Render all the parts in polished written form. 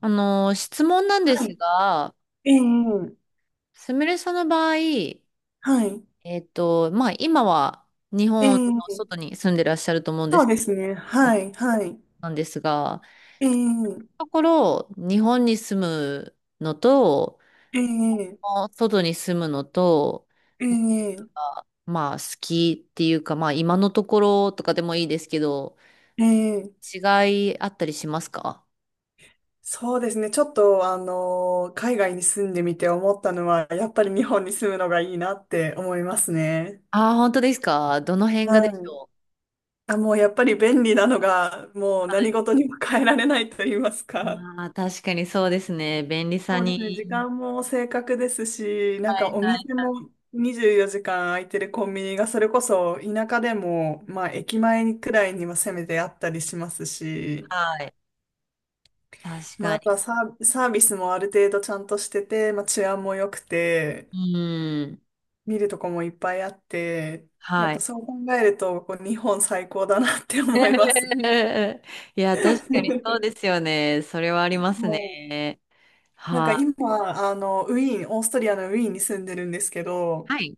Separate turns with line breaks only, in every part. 質問なんで
は
す
い。
が、
ええ、
すみれさんの場合、
はい。
今は日
え
本の
え、
外に住んでらっしゃると思うんで
そう
す、
ですね。はい、はい。
なんですが、
ええ、
ところ、日本に住むのと、
ええ、
外に住むのと、
え
な
え、
好きっていうか、まあ、今のところとかでもいいですけど、
ええ、
違いあったりしますか？
そうですね。ちょっと、あの海外に住んでみて思ったのは、やっぱり日本に住むのがいいなって思いますね。
ああー、本当ですか？どの辺が
は
でし
い。
ょう？
あ、もうやっぱり便利なのが、もう
は
何
い。
事にも変えられないと言いますか。
まあ、確かにそうですね。便利さ
そうですね。時
に。
間も正確ですし、なん
は
か
い
お
はい
店も24時間空いてるコンビニがそれこそ田舎でも、まあ駅前くらいにはせめてあったりしますし、
はい。確
まあ
か
あとは
に。
サービスもある程度ちゃんとしてて、まあ治安も良くて、
うん。
見るとこもいっぱいあって、やっ
は
ぱ
い。
そう考えると、こう日本最高だなって思います。
いや、確かにそうです よね。それはあります
もう、
ね。
なんか
は
今、あの、ウィーン、オーストリアのウィーンに住んでるんですけ
い。
ど、
はい。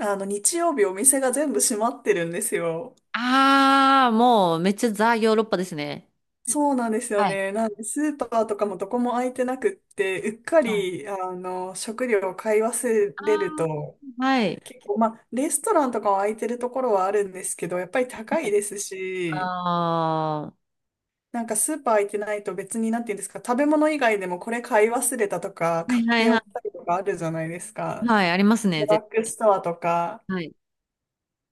あの、日曜日お店が全部閉まってるんですよ。
ああ、もうめっちゃザ・ヨーロッパですね。
そうなんですよ
はい。
ね。なんで、スーパーとかもどこも開いてなくって、うっか
はい。
り、あの、食料を買い忘
あ
れると、
あ、はい。
結構、まあ、レストランとかは開いてるところはあるんですけど、やっぱり高
は
い
い。
です
あ
し、
あ、は
なんかスーパー開いてないと別に、なんていうんですか、食べ物以外でもこれ買い忘れたとか、買
い
っ
はい
てお
は
きたいとかあるじゃないです
い。
か。
はい、あります
ド
ね、
ラ
絶
ッグ
対。
ストアとか、
はい。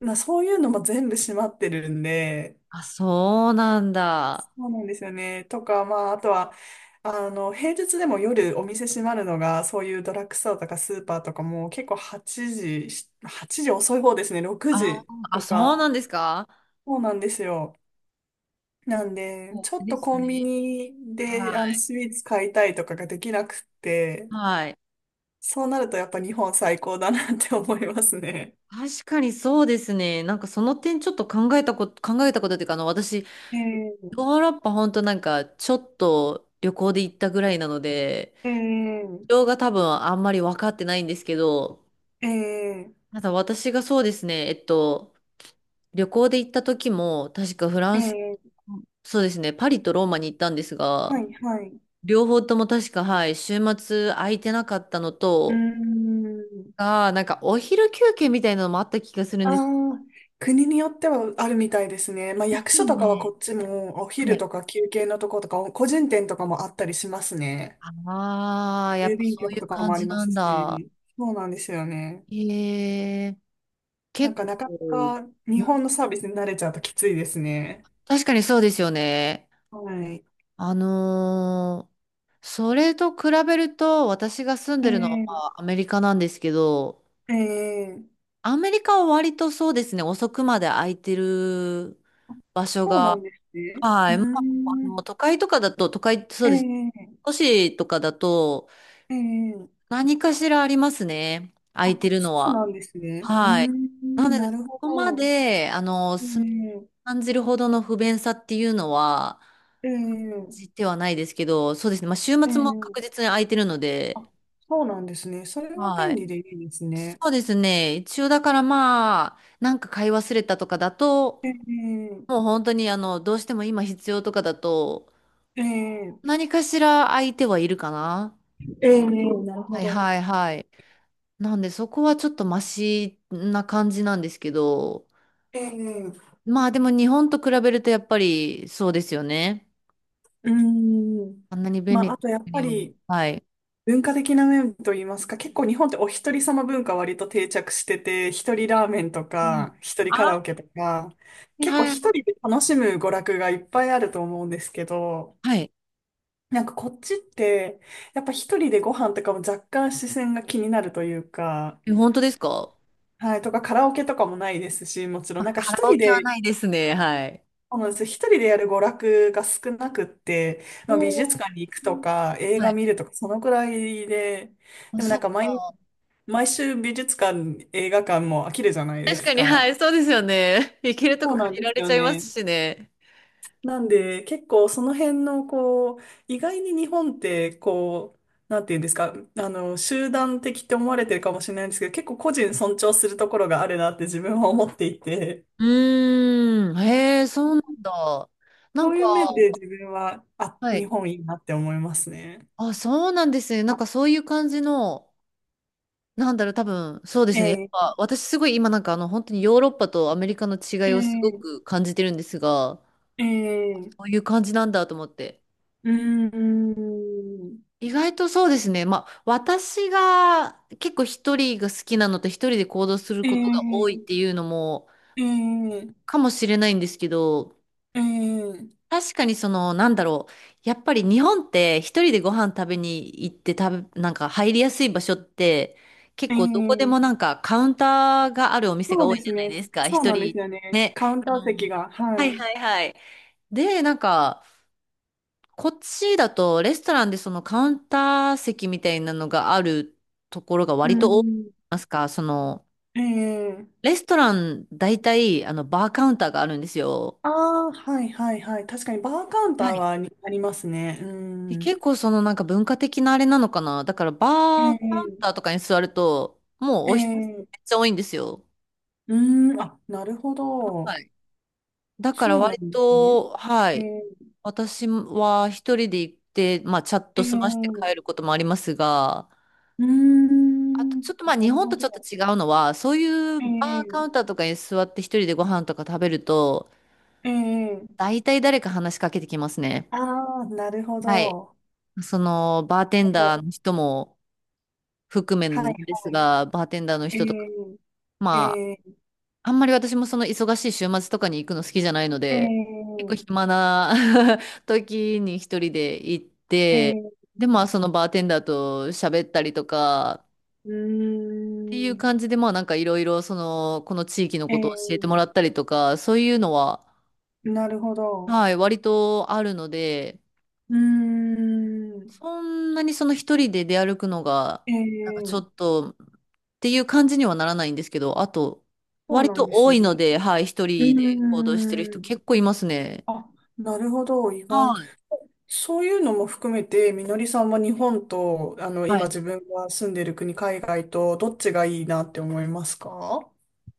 まあ、そういうのも全部閉まってるんで、
あ、そうなんだ。
そうなんですよね。とか、まあ、あとは、あの、平日でも夜お店閉まるのが、そういうドラッグストアとかスーパーとかも結構8時遅い方ですね、6
あー
時
あ、
と
そう
か。
なんですか？
そうなんですよ。なんで、
そ
ちょ
う
っ
で
と
す
コンビ
ね。
ニで、あ
は
の、
い。
スイーツ買いたいとかができなくって、
はい。
そうなるとやっぱ日本最高だなって思いますね。
確かにそうですね。なんかその点ちょっと考えたこと、考えたことっていうか、あの、私、ヨ
ええ
ーロッパ本当なんかちょっと旅行で行ったぐらいなので、
え
事情が多分あんまり分かってないんですけど、
えええ
ただ私がそうですね、旅行で行った時も、確かフランス、
ええ
そうですね、パリとローマに行ったんです
は
が、
い、はい。う
両方とも確か、はい、週末空いてなかったのと、
ーん。
あーなんかお昼休憩みたいなのもあった気がするん
あ
ですよ。
あ、国によってはあるみたいですね。まあ、
で
役
すよ
所とかはこ
ね。
っちもお
は
昼
い。
とか休憩のとことか、個人店とかもあったりしますね。
ああ、やっ
郵
ぱ
便
そうい
局と
う
か
感
もあ
じ
りま
な
す
んだ。
し、そうなんですよね。
へえ、
なん
結
か
構、
なかな
うん。
か日本のサービスに慣れちゃうときついですね。
確かにそうですよね。
はい。
あのーそれと比べると、私が住ん
え
でるのは、ま
え
あ、アメリカなんですけど、
ええ
アメリカは割とそうですね、遅くまで空いてる場所
そうな
が、
んですね。
は
う
い、まあ、あ
ーん。
の、都会とかだと、都会ってそ
え
うです。
え
都市とかだと、
ええ
何かしらありますね、空
あ、
いてる
そ
の
う
は。
なんですね。うー
はい。な
ん、
ので、
な
そ
るほ
こま
ど。
で、あの、
え
住み
え
感じるほどの不便さっていうのは、
え
感
え
じてはないですけど、そうですね。まあ、週
え
末も確
え
実に空いてるので、
あ、そうなんですね。それは
は
便
い。
利でいいですね。
そうですね。一応だからまあ、なんか買い忘れたとかだと、
えー、
もう本当にあの、どうしても今必要とかだと、
えー、
何かしら空いてはいるかな。
えー、なるほ
はい
ど。
はいはい。なんでそこはちょっとマシな感じなんですけど、
えー、
まあでも日本と比べるとやっぱりそうですよね。
うーん。
あんなに便
ま
利
あ、
な
あとやっぱ
国を。
り
はい。
文化的な面といいますか、結構日本ってお一人様文化割と定着してて、一人ラーメンと
うん。
か、一人カ
あ、
ラ
は
オケとか、
い
結構
はい。
一人で楽しむ娯楽がいっぱいあると思うんですけど、
はい。
なんかこっちって、やっぱ一人でご飯とかも若干視線が気になるというか、
え、本当ですか？
はい、とかカラオケとかもないですし、もちろん
まあ、
なんか
カ
一
ラオ
人
ケは
で、
ないですね。はい。
そうなんです、一人でやる娯楽が少なくって、
お
まあ、美術
ー。
館に行くとか映
は
画
い。
見るとかそのくらいで、
あ、
でもな
そ
ん
っ
か毎、
か。
毎週美術館、映画館も飽きるじゃないで
確
す
かに、は
か。
い、そうですよね。行けると
そ
こ
うなん
限
で
ら
す
れち
よ
ゃいま
ね。
すしね。
なんで結構その辺のこう、意外に日本ってこう、なんていうんですか、あの、集団的って思われてるかもしれないんですけど、結構個人尊重するところがあるなって自分は思っていて。
うーん。へえ、そうなんだ。な
そ
ん
うい
か、
う面で自分は、あ、
は
日
い。
本いいなって思いますね。
あ、そうなんですね。なんかそういう感じの、なんだろう、多分、そうですね。やっ
ええ、
ぱ私すごい今なんかあの、本当にヨーロッパとアメリカの違
え
いをすご
え、
く感じてるんですが、
ええ、
こういう感じなんだと思って。
うーん、
意外とそうですね。まあ、私が結構一人が好きなのと一人で行動する
え
ことが多いっ
え、
ていうのも
ええ、
かもしれないんですけど、
ええ、
確かにその、なんだろう。やっぱり日本って一人でご飯食べに行って食べ、なんか入りやすい場所って結
え
構どこでも
え、
なんかカウンターがあるお店
そ
が
う
多
で
いじ
す
ゃない
ね。
ですか。
そう
一
なんです
人
よね。
ね。
カウン
あ
ター席
の、
が、は
はい
い。
はいはい。で、なんか、こっちだとレストランでそのカウンター席みたいなのがあるところが
う
割と多い
ん、
ますか、その
ええ、
レストラン大体あのバーカウンターがあるんですよ。
ああ、はいはいはい。確かにバーカウンター
はい。
はありますね。う
で
ん、
結構そのなんか文化的なあれなのかな。だからバ
え
ーカウンター
え、
とかに座るともう
え
お人
え、
めっちゃ多いんですよ。
うーん、あ、なるほ
は
ど。
い。だから
そうな
割
んですね。
と、は
え
い。
え、
私は一人で行って、まあチャッ
え
ト済まして帰る
え
こともありますが、
うー
あと、
ん。
ちょっとまあ
な
日
る
本
ほ
とちょっと
ど。
違うのは、そういう
う
バーカウ
ん
ンターとかに座って一人でご飯とか食べると、
うん。うん。
大体誰か話しかけてきますね。
ああ、なるほ
はい。
ど。
その、バーテ
な
ン
るほど。
ダーの人も含め
はい
んです
はい。
が、バーテンダーの
え
人とか、
ん
ま
えん
あ、あんまり私もその忙しい週末とかに行くの好きじゃないの
え
で、結構
ん
暇な 時に一人で行っ
え
て、
ん
で、まあそのバーテンダーと喋ったりとか、
う
っていう
ー
感
ん。
じで、まあなんかいろいろその、この地域の
え
ことを教えても
ん
らったりとか、そういうのは、
なるほど。
はい、割とあるので、
うーん。
そんなにその一人で出歩くのが、
え
なんかちょ
ん
っと、っていう感じにはならないんですけど、あと、
そう
割
なん
と
です
多
ね。
いので、はい、一
う
人で行動してる
ー
人
ん。
結構いますね。
あ、なるほど。意外
はい。
そういうのも含めて、みのりさんは日本と、あの、
は
今
い。
自分が住んでる国、海外と、どっちがいいなって思いますか？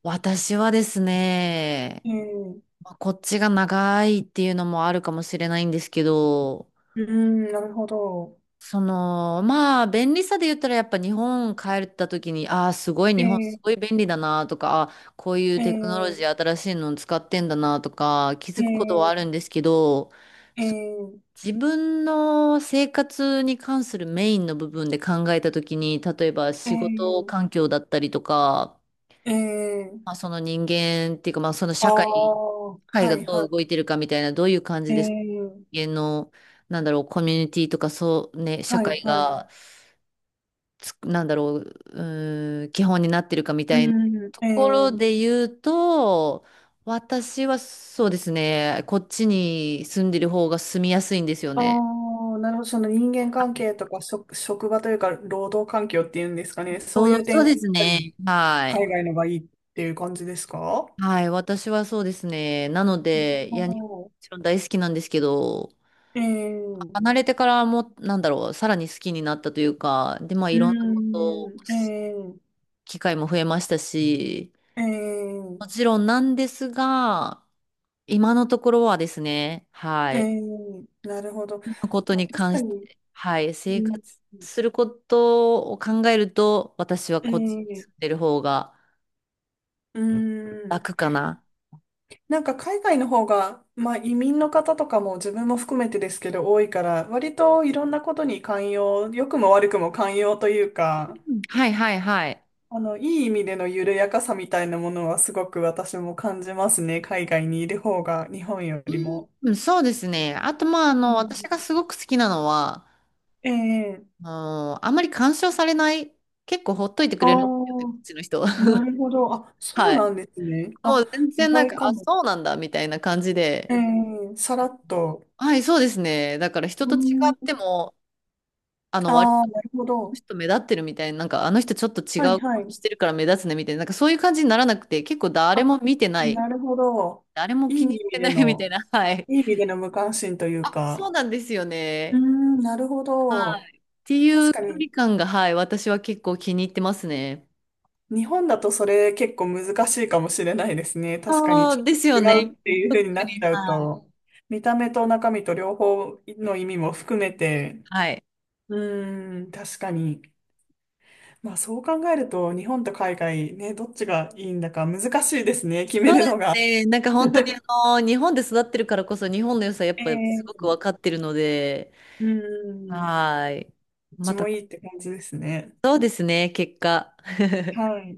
私はですね、
ええう
まあこっちが長いっていうのもあるかもしれないんですけど、
ーん、なるほど。
その、まあ、便利さで言ったら、やっぱ日本帰った時に、ああ、すごい、日本す
え
ごい
え
便利だなとか、あーこういう
え
テクノロジ
え
ー新しいの使ってんだなとか、気づくことはある
え
んですけど、
え
そ
え
自分の生活に関するメインの部分で考えた時に、例えば
ええ
仕事環
ー
境だったりとか、
えー
まあ、その人間っていうか、まあ、その
ああ
社会、社
ー、
会
は
が
い
どう
は
動いてるかみたいな、どういう感じ
い。
です
ええ
人間の、なんだろう、コミュニティとか、そうね、社
はい
会
はい。
が、つく、なんだろう、うーん、基本になってるかみたいな
う
と
ん、え
ころ
え
で言うと、私はそうですね、こっちに住んでる方が住みやすいんですよ
あ
ね。
あ、なるほど。その人間関係とか職場というか、労働環境っていうんですか
ち
ね。そう
う
いう
そ
点
う
が
で
やっ
す
ぱり
ね。はい。
海外のがいいっていう感じですか？
はい、私はそうですね。なの
なる
で、いや、日本も
ほ
ちろん大好きなんですけど、
どえー、
離れてからも、なんだろう、さらに好きになったというか、で、まあ、
う
いろんな
ー
ことを
ん、
し、
えー、
機会も増えましたし、
えー、
もちろんなんですが、今のところはですね、は
え
い。
ー、なるほど。
こと
まあ、
に
確
関
か
し
に、
て、はい。
う
生活
ん、
することを考えると、私は
え
こっちに
ー、
住んでる方が
うーん、
楽かな。
なんか海外の方が、まあ、移民の方とかも自分も含めてですけど多いから、割といろんなことに寛容、良くも悪くも寛容というか、
うんはいはいはい。
あの、いい意味での緩やかさみたいなものはすごく私も感じますね。海外にいる方が日本よりも。
うん、そうですね。あと、まあ、あ
う
の、私が
ん
すごく好きなのは、
ええ
あの、あんまり干渉されない、結構ほっといてく
あ
れる
あ
んですよね、こっ
ー、
ちの人は。
なるほど。あ、そう
はい。
なんですね。
も
あ、
う全
意
然なん
外
か、
か
あ、
も。
そうなんだ、みたいな感じ
え
で。
えさらっと。
はい、そうですね。だから人
う
と違
ん、
っても、あの、割
ああ、なるほ
の
ど。
人目立ってるみたいな、なんかあの人ちょっと違
はい
う
は
こと
い。
してるから目立つねみたいな、なんかそういう感じにならなくて、結構誰
あ、
も見てない、
なるほど。
誰も
いい
気
意
に入っ
味
てな
で
いみたい
の、
な、はい。
いい意味での無関心という
あ、そ
か。
うなんですよ
うー
ね。
ん、なるほ
は
ど。
い。ってい
確
う
か
距
に
離感が、はい、私は結構気に入ってますね。
日本だとそれ結構難しいかもしれないですね。確かに
そ
ち
う
ょっ
です
と
よ
違う
ね。
っていう風に
特
なっ
に、
ちゃう
はい。
と、見た目と中身と両方の意味も含めて、
はい。
うーん、確かに。まあそう考えると、日本と海外ね、どっちがいいんだか難しいですね、決め
そう
る
です
のが。
ね。なんか本当に あの、日本で育ってるからこそ日本の良さやっ
え
ぱすごく
ー、
分かってるので、
うーん、ど
はい。
っ
ま
ちも
た、
いいって感じですね。
そうですね、結果。
はい。